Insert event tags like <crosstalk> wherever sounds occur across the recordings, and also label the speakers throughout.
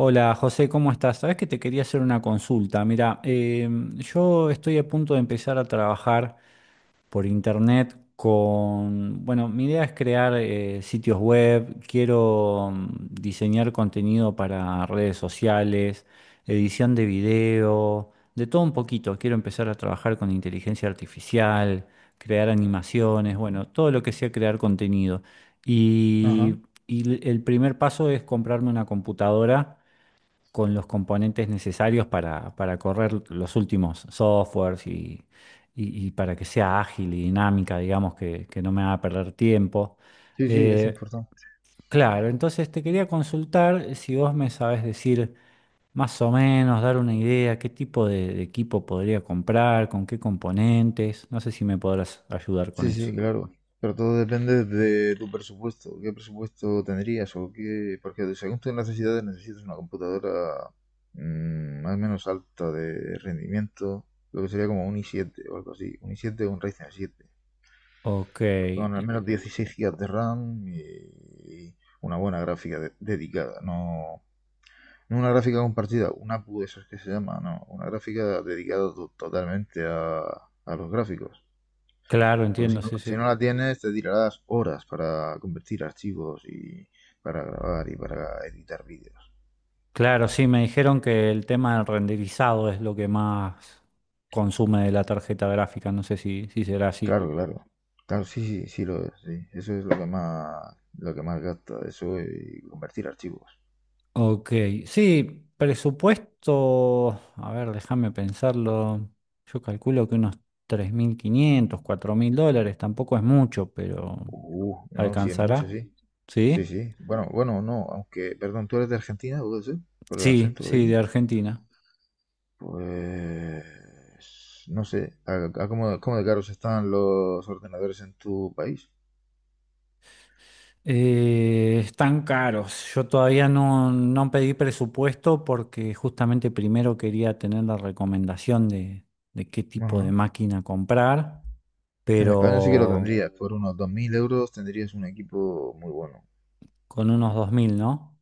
Speaker 1: Hola José, ¿cómo estás? Sabes que te quería hacer una consulta. Mira, yo estoy a punto de empezar a trabajar por internet con, mi idea es crear sitios web, quiero diseñar contenido para redes sociales, edición de video, de todo un poquito. Quiero empezar a trabajar con inteligencia artificial, crear animaciones, bueno, todo lo que sea crear contenido. Y,
Speaker 2: Ajá.
Speaker 1: y el primer paso es comprarme una computadora con los componentes necesarios para correr los últimos softwares y para que sea ágil y dinámica, digamos, que no me haga perder tiempo.
Speaker 2: Sí, sí, es
Speaker 1: Eh,
Speaker 2: importante.
Speaker 1: claro, entonces te quería consultar si vos me sabes decir más o menos, dar una idea, qué tipo de equipo podría comprar, con qué componentes. No sé si me podrás ayudar con
Speaker 2: Sí,
Speaker 1: eso.
Speaker 2: sí, claro. Pero todo depende de tu presupuesto. ¿Qué presupuesto tendrías o qué? Porque según tus necesidades necesitas una computadora más o menos alta de rendimiento, lo que sería como un i siete o algo así. Un i siete o un Ryzen siete.
Speaker 1: Ok,
Speaker 2: Con al
Speaker 1: y-
Speaker 2: menos 16 GB de RAM y una buena gráfica dedicada. No, no una gráfica compartida, una APU de esas que se llama, no. Una gráfica dedicada totalmente a los gráficos.
Speaker 1: claro,
Speaker 2: Porque si
Speaker 1: entiendo,
Speaker 2: no,
Speaker 1: sí,
Speaker 2: si
Speaker 1: sí.
Speaker 2: no la tienes, te tirarás horas para convertir archivos y para grabar y para editar vídeos.
Speaker 1: Claro, sí, me dijeron que el tema del renderizado es lo que más consume de la tarjeta gráfica, no sé si será así.
Speaker 2: Claro, claro. Claro, sí, sí, sí lo es, sí. Eso es lo que más gasta, eso y convertir archivos.
Speaker 1: Ok, sí, presupuesto, a ver, déjame pensarlo, yo calculo que unos $3500, $4000, tampoco es mucho, pero
Speaker 2: No, sí, en mucho,
Speaker 1: ¿alcanzará?
Speaker 2: sí. Sí,
Speaker 1: Sí,
Speaker 2: sí. Bueno, bueno, no, aunque, perdón, ¿tú eres de Argentina, puede ser? Por el
Speaker 1: sí,
Speaker 2: acento lo
Speaker 1: sí,
Speaker 2: digo.
Speaker 1: de Argentina.
Speaker 2: Pues, no sé, ¿a cómo de caros están los ordenadores en tu país?
Speaker 1: Están caros. Yo todavía no pedí presupuesto porque justamente primero quería tener la recomendación de qué tipo de
Speaker 2: Ajá.
Speaker 1: máquina comprar,
Speaker 2: En España sí que lo
Speaker 1: pero
Speaker 2: tendrías, por unos 2.000 euros tendrías un equipo muy bueno,
Speaker 1: con unos 2000, ¿no?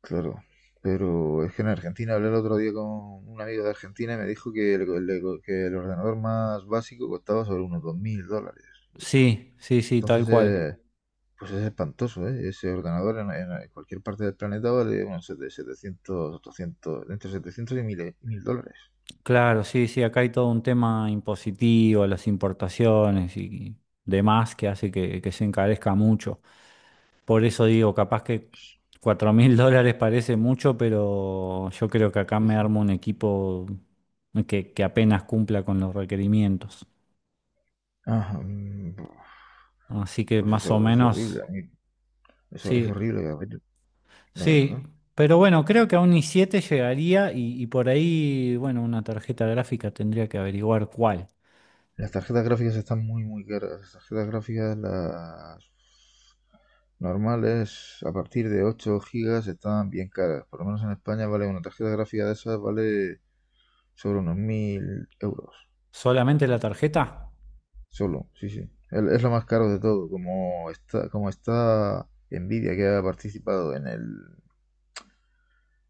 Speaker 2: claro. Pero es que en Argentina hablé el otro día con un amigo de Argentina y me dijo que el ordenador más básico costaba sobre unos 2.000 dólares.
Speaker 1: Sí, sí, sí, tal
Speaker 2: Entonces,
Speaker 1: cual.
Speaker 2: pues es espantoso, ¿eh? Ese ordenador en cualquier parte del planeta vale unos 700, 800, entre 700 y mil dólares.
Speaker 1: Claro, sí, sí, acá hay todo un tema impositivo, las importaciones y demás que hace que se encarezca mucho. Por eso digo, capaz que 4000 <laughs> dólares parece mucho, pero yo creo que acá
Speaker 2: Sí,
Speaker 1: me
Speaker 2: sí.
Speaker 1: armo un equipo que apenas cumpla con los requerimientos.
Speaker 2: Ah,
Speaker 1: Así que
Speaker 2: pues
Speaker 1: más o
Speaker 2: eso es horrible,
Speaker 1: menos,
Speaker 2: a mí. Eso es
Speaker 1: sí,
Speaker 2: horrible, Gabriel, la
Speaker 1: sí.
Speaker 2: verdad.
Speaker 1: Pero bueno, creo que a un i7 llegaría y por ahí, bueno, una tarjeta gráfica tendría que averiguar cuál.
Speaker 2: Las tarjetas gráficas están muy, muy caras. Las tarjetas gráficas, las normales, a partir de 8 gigas, están bien caras. Por lo menos en España vale una tarjeta gráfica de esas, vale sobre unos 1.000 euros.
Speaker 1: ¿Solamente la tarjeta?
Speaker 2: Solo, sí, sí. Es lo más caro de todo. Como está Nvidia, que ha participado en el.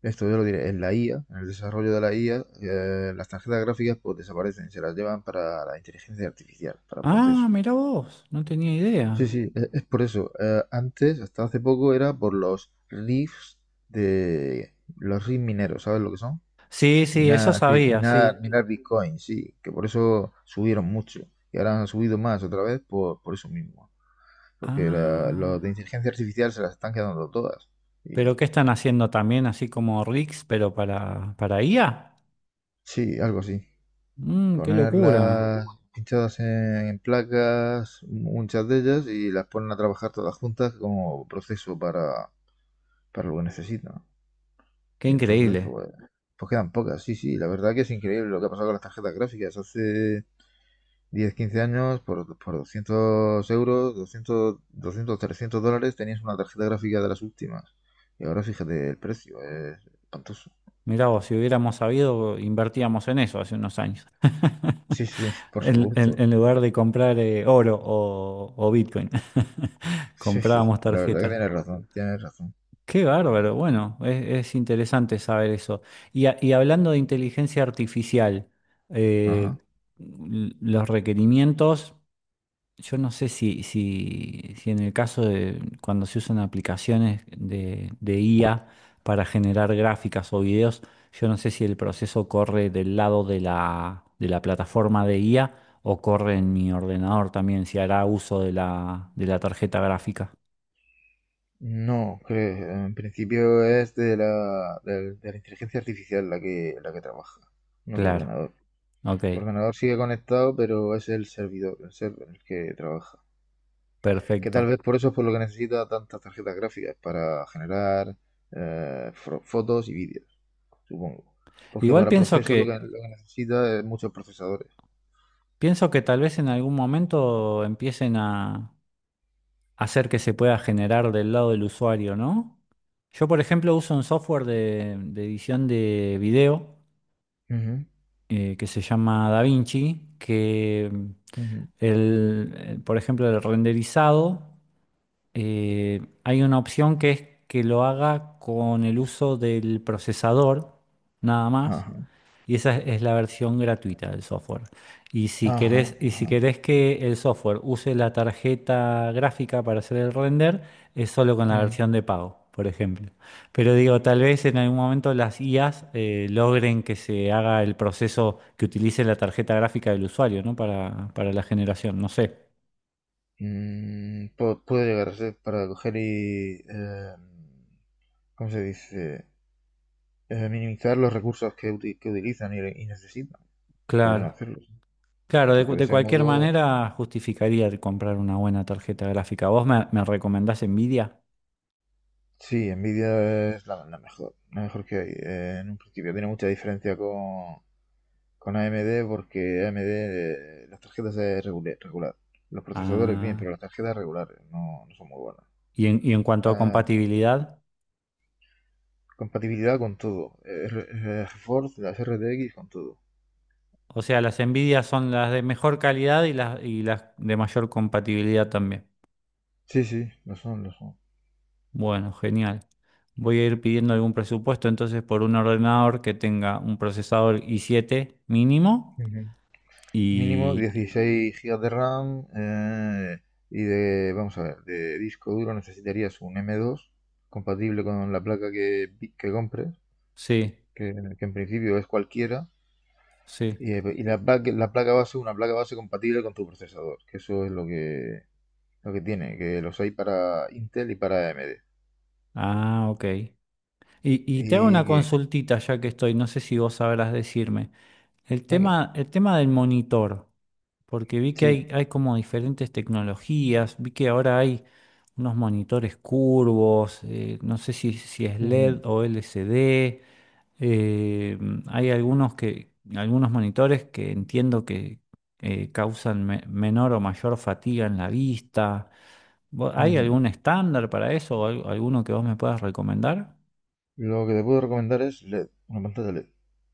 Speaker 2: Esto yo lo diré, en la IA, en el desarrollo de la IA, las tarjetas gráficas pues desaparecen, se las llevan para la inteligencia artificial, para
Speaker 1: Ah,
Speaker 2: procesos.
Speaker 1: mira vos, no tenía
Speaker 2: Sí,
Speaker 1: idea.
Speaker 2: sí, es, por eso. Antes, hasta hace poco, era por los riffs de los riffs mineros, ¿sabes lo que son?
Speaker 1: Sí, sí, eso
Speaker 2: Minar, cri-
Speaker 1: sabía,
Speaker 2: minar,
Speaker 1: sí.
Speaker 2: minar Bitcoin, sí, que por eso subieron mucho. Y ahora han subido más otra vez por eso mismo. Porque los
Speaker 1: Ah,
Speaker 2: de inteligencia artificial se las están quedando todas. Y
Speaker 1: ¿pero qué están haciendo también, así como Rix, pero para IA?
Speaker 2: sí, algo así.
Speaker 1: Qué locura,
Speaker 2: Ponerlas pinchadas en placas, muchas de ellas, y las ponen a trabajar todas juntas como proceso para lo que necesitan.
Speaker 1: qué
Speaker 2: Y entonces,
Speaker 1: increíble.
Speaker 2: pues quedan pocas. Sí, sí, la verdad que es increíble lo que ha pasado con las tarjetas gráficas. Hace 10 15 años, por 200 euros, doscientos 300 dólares, tenías una tarjeta gráfica de las últimas. Y ahora fíjate el precio, es espantoso.
Speaker 1: Mirá vos, si hubiéramos sabido, invertíamos en eso hace unos años. <laughs>
Speaker 2: Sí, sí, <laughs> por
Speaker 1: En, en-
Speaker 2: supuesto.
Speaker 1: en lugar de comprar oro o Bitcoin, <laughs>
Speaker 2: Sí, sí,
Speaker 1: comprábamos
Speaker 2: la verdad que
Speaker 1: tarjetas.
Speaker 2: tienes razón, tienes razón.
Speaker 1: Qué bárbaro. Bueno, es interesante saber eso. Y, a- y hablando de inteligencia artificial, eh,
Speaker 2: Ajá.
Speaker 1: l- los requerimientos, yo no sé si en el caso de cuando se usan aplicaciones de IA para generar gráficas o videos, yo no sé si el proceso corre del lado de la plataforma de IA o corre en mi ordenador también, si hará uso de la tarjeta gráfica.
Speaker 2: No, creo, en principio es de la inteligencia artificial la que trabaja, no tu
Speaker 1: Claro,
Speaker 2: ordenador.
Speaker 1: ok,
Speaker 2: Tu ordenador sigue conectado, pero es el servidor, el server, el que trabaja. Que tal
Speaker 1: perfecto.
Speaker 2: vez por eso es por lo que necesita tantas tarjetas gráficas, para generar fotos y vídeos, supongo. Porque
Speaker 1: Igual
Speaker 2: para proceso lo que, lo que necesita es muchos procesadores.
Speaker 1: pienso que tal vez en algún momento empiecen a hacer que se pueda generar del lado del usuario, ¿no? Yo, por ejemplo, uso un software de edición de video
Speaker 2: Ujú,
Speaker 1: que se llama DaVinci, que
Speaker 2: ujú.
Speaker 1: el, por ejemplo, el renderizado. Hay una opción que es que lo haga con el uso del procesador, nada más,
Speaker 2: Ajá,
Speaker 1: y esa es la versión gratuita del software.
Speaker 2: ajá,
Speaker 1: Y si
Speaker 2: ajá.
Speaker 1: querés que el software use la tarjeta gráfica para hacer el render, es solo con la
Speaker 2: Mm,
Speaker 1: versión de pago. Por ejemplo. Pero digo, tal vez en algún momento las IAs logren que se haga el proceso que utilice la tarjeta gráfica del usuario, ¿no? Para la generación, no sé.
Speaker 2: puede llegar a ser para coger y, ¿cómo se dice? Minimizar los recursos que utilizan y necesitan. Podrían
Speaker 1: Claro.
Speaker 2: hacerlo, sí.
Speaker 1: Claro, de,
Speaker 2: Porque
Speaker 1: cu-
Speaker 2: de
Speaker 1: de
Speaker 2: ese
Speaker 1: cualquier
Speaker 2: modo...
Speaker 1: manera justificaría el comprar una buena tarjeta gráfica. ¿Vos me, me recomendás Nvidia?
Speaker 2: Sí, Nvidia es la mejor, la mejor que hay. En un principio tiene mucha diferencia con AMD porque AMD las tarjetas es regular, regular. Los procesadores bien, pero
Speaker 1: Ah,
Speaker 2: las tarjetas regulares no, no son muy buenas.
Speaker 1: y en cuanto a
Speaker 2: Eh,
Speaker 1: compatibilidad,
Speaker 2: compatibilidad con todo. GeForce, las RTX, con todo.
Speaker 1: o sea, las Nvidia son las de mejor calidad y las de mayor compatibilidad también.
Speaker 2: Sí, sí, lo son, lo son.
Speaker 1: Bueno, genial. Voy a ir pidiendo algún presupuesto entonces por un ordenador que tenga un procesador i7 mínimo
Speaker 2: Ujú. Mínimo
Speaker 1: y...
Speaker 2: 16 GB de RAM y de, vamos a ver, de disco duro necesitarías un M2 compatible con la placa que compres
Speaker 1: Sí,
Speaker 2: que, que en principio es cualquiera,
Speaker 1: sí.
Speaker 2: y la placa base, una placa base compatible con tu procesador, que eso es lo que tiene, que los hay para Intel y para AMD.
Speaker 1: Ah, ok. Y te hago una
Speaker 2: Y que,
Speaker 1: consultita ya que estoy, no sé si vos sabrás decirme.
Speaker 2: venga,
Speaker 1: El tema del monitor, porque vi que
Speaker 2: sí.
Speaker 1: hay como diferentes tecnologías, vi que ahora hay unos monitores curvos, no sé si, si es LED
Speaker 2: Ujú,
Speaker 1: o LCD, eh, hay algunos que, algunos monitores que entiendo que causan me- menor o mayor fatiga en la vista. ¿Vo- ¿Hay
Speaker 2: ujú.
Speaker 1: algún estándar para eso o al- alguno que vos me puedas recomendar?
Speaker 2: Lo que te puedo recomendar es LED, una pantalla LED.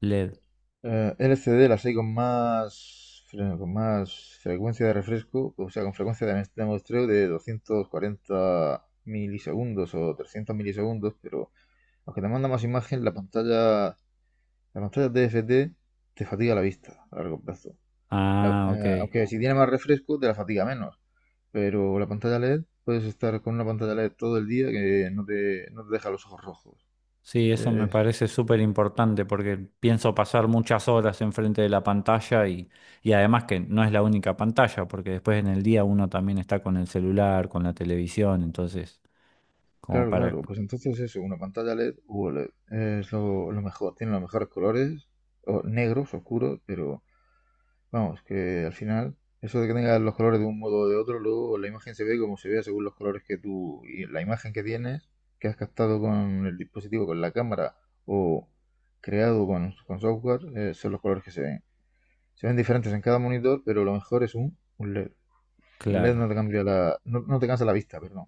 Speaker 1: LED.
Speaker 2: LCD las hay con más frecuencia de refresco, o sea, con frecuencia de muestreo de 240 milisegundos o 300 milisegundos, pero aunque te manda más imagen, la pantalla TFT te fatiga la vista a largo plazo. La-
Speaker 1: Ah, ok.
Speaker 2: eh, aunque si tiene más refresco te la fatiga menos. Pero la pantalla LED, puedes estar con una pantalla LED todo el día que no te deja los ojos rojos.
Speaker 1: Sí, eso me
Speaker 2: Es-
Speaker 1: parece súper importante porque pienso pasar muchas horas enfrente de la pantalla y además que no es la única pantalla, porque después en el día uno también está con el celular, con la televisión, entonces como
Speaker 2: claro,
Speaker 1: para...
Speaker 2: claro, pues entonces eso, una pantalla LED u OLED es lo mejor. Tiene los mejores colores, o negros, oscuros, pero vamos, que al final, eso de que tengas los colores de un modo o de otro, luego la imagen se ve como se vea según los colores que tú y la imagen que tienes, que has captado con el dispositivo, con la cámara o creado con software, son los colores que se ven. Se ven diferentes en cada monitor, pero lo mejor es un LED. El LED
Speaker 1: Claro.
Speaker 2: no te cambia. La, no, no te cansa la vista, perdón.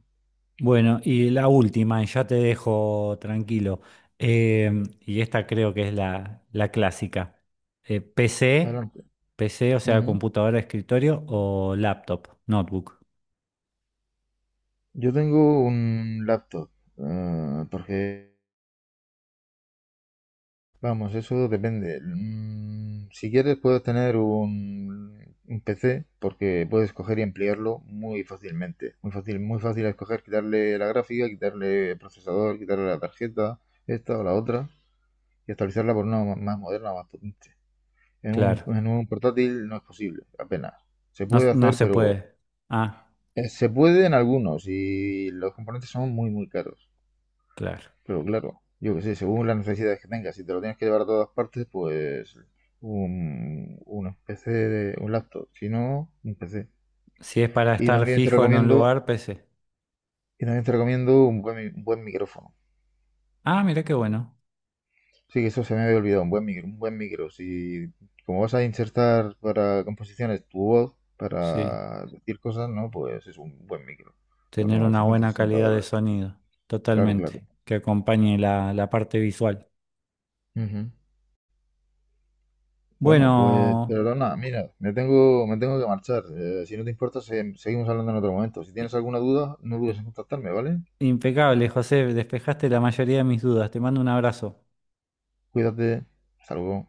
Speaker 1: Bueno, y la última, y ya te dejo tranquilo, eh, y esta creo que es la, la clásica. PC,
Speaker 2: Adelante.
Speaker 1: PC, o sea,
Speaker 2: Ujú.
Speaker 1: computadora de escritorio o laptop, notebook.
Speaker 2: Yo tengo un laptop, porque vamos, eso depende. Si quieres puedes tener un PC porque puedes coger y emplearlo muy fácilmente. Muy fácil es coger, quitarle la gráfica, quitarle el procesador, quitarle la tarjeta, esta o la otra, y actualizarla por una más moderna más potente. En un,
Speaker 1: Claro.
Speaker 2: en un portátil no es posible, apenas. Se
Speaker 1: No,
Speaker 2: puede
Speaker 1: no
Speaker 2: hacer,
Speaker 1: se
Speaker 2: pero
Speaker 1: puede. Ah,
Speaker 2: se puede en algunos y los componentes son muy, muy caros.
Speaker 1: claro.
Speaker 2: Pero claro, yo que sé, según las necesidades que tengas, si te lo tienes que llevar a todas partes, pues un PC, un laptop, si no, un PC.
Speaker 1: Si es para
Speaker 2: Y
Speaker 1: estar
Speaker 2: también te
Speaker 1: fijo en un
Speaker 2: recomiendo,
Speaker 1: lugar, PC.
Speaker 2: un buen, un buen micrófono.
Speaker 1: Ah, mira qué bueno.
Speaker 2: Sí, que eso se me había olvidado, un buen micro, un buen micro. Si como vas a insertar para composiciones tu voz,
Speaker 1: Sí,
Speaker 2: para decir cosas, ¿no? Pues es un buen micro, por
Speaker 1: tener
Speaker 2: unos
Speaker 1: una
Speaker 2: 50
Speaker 1: buena
Speaker 2: sesenta
Speaker 1: calidad de
Speaker 2: dólares.
Speaker 1: sonido.
Speaker 2: Claro, claro.
Speaker 1: Totalmente. Que acompañe la, la parte visual.
Speaker 2: Ujú. Bueno, pues
Speaker 1: Bueno,
Speaker 2: perdona, mira, me tengo que marchar. Si no te importa, seguimos hablando en otro momento. Si
Speaker 1: i-
Speaker 2: tienes alguna duda, no dudes
Speaker 1: i-
Speaker 2: en contactarme, ¿vale?
Speaker 1: impecable, José. Despejaste la mayoría de mis dudas. Te mando un abrazo.
Speaker 2: Cuídate. Hasta luego.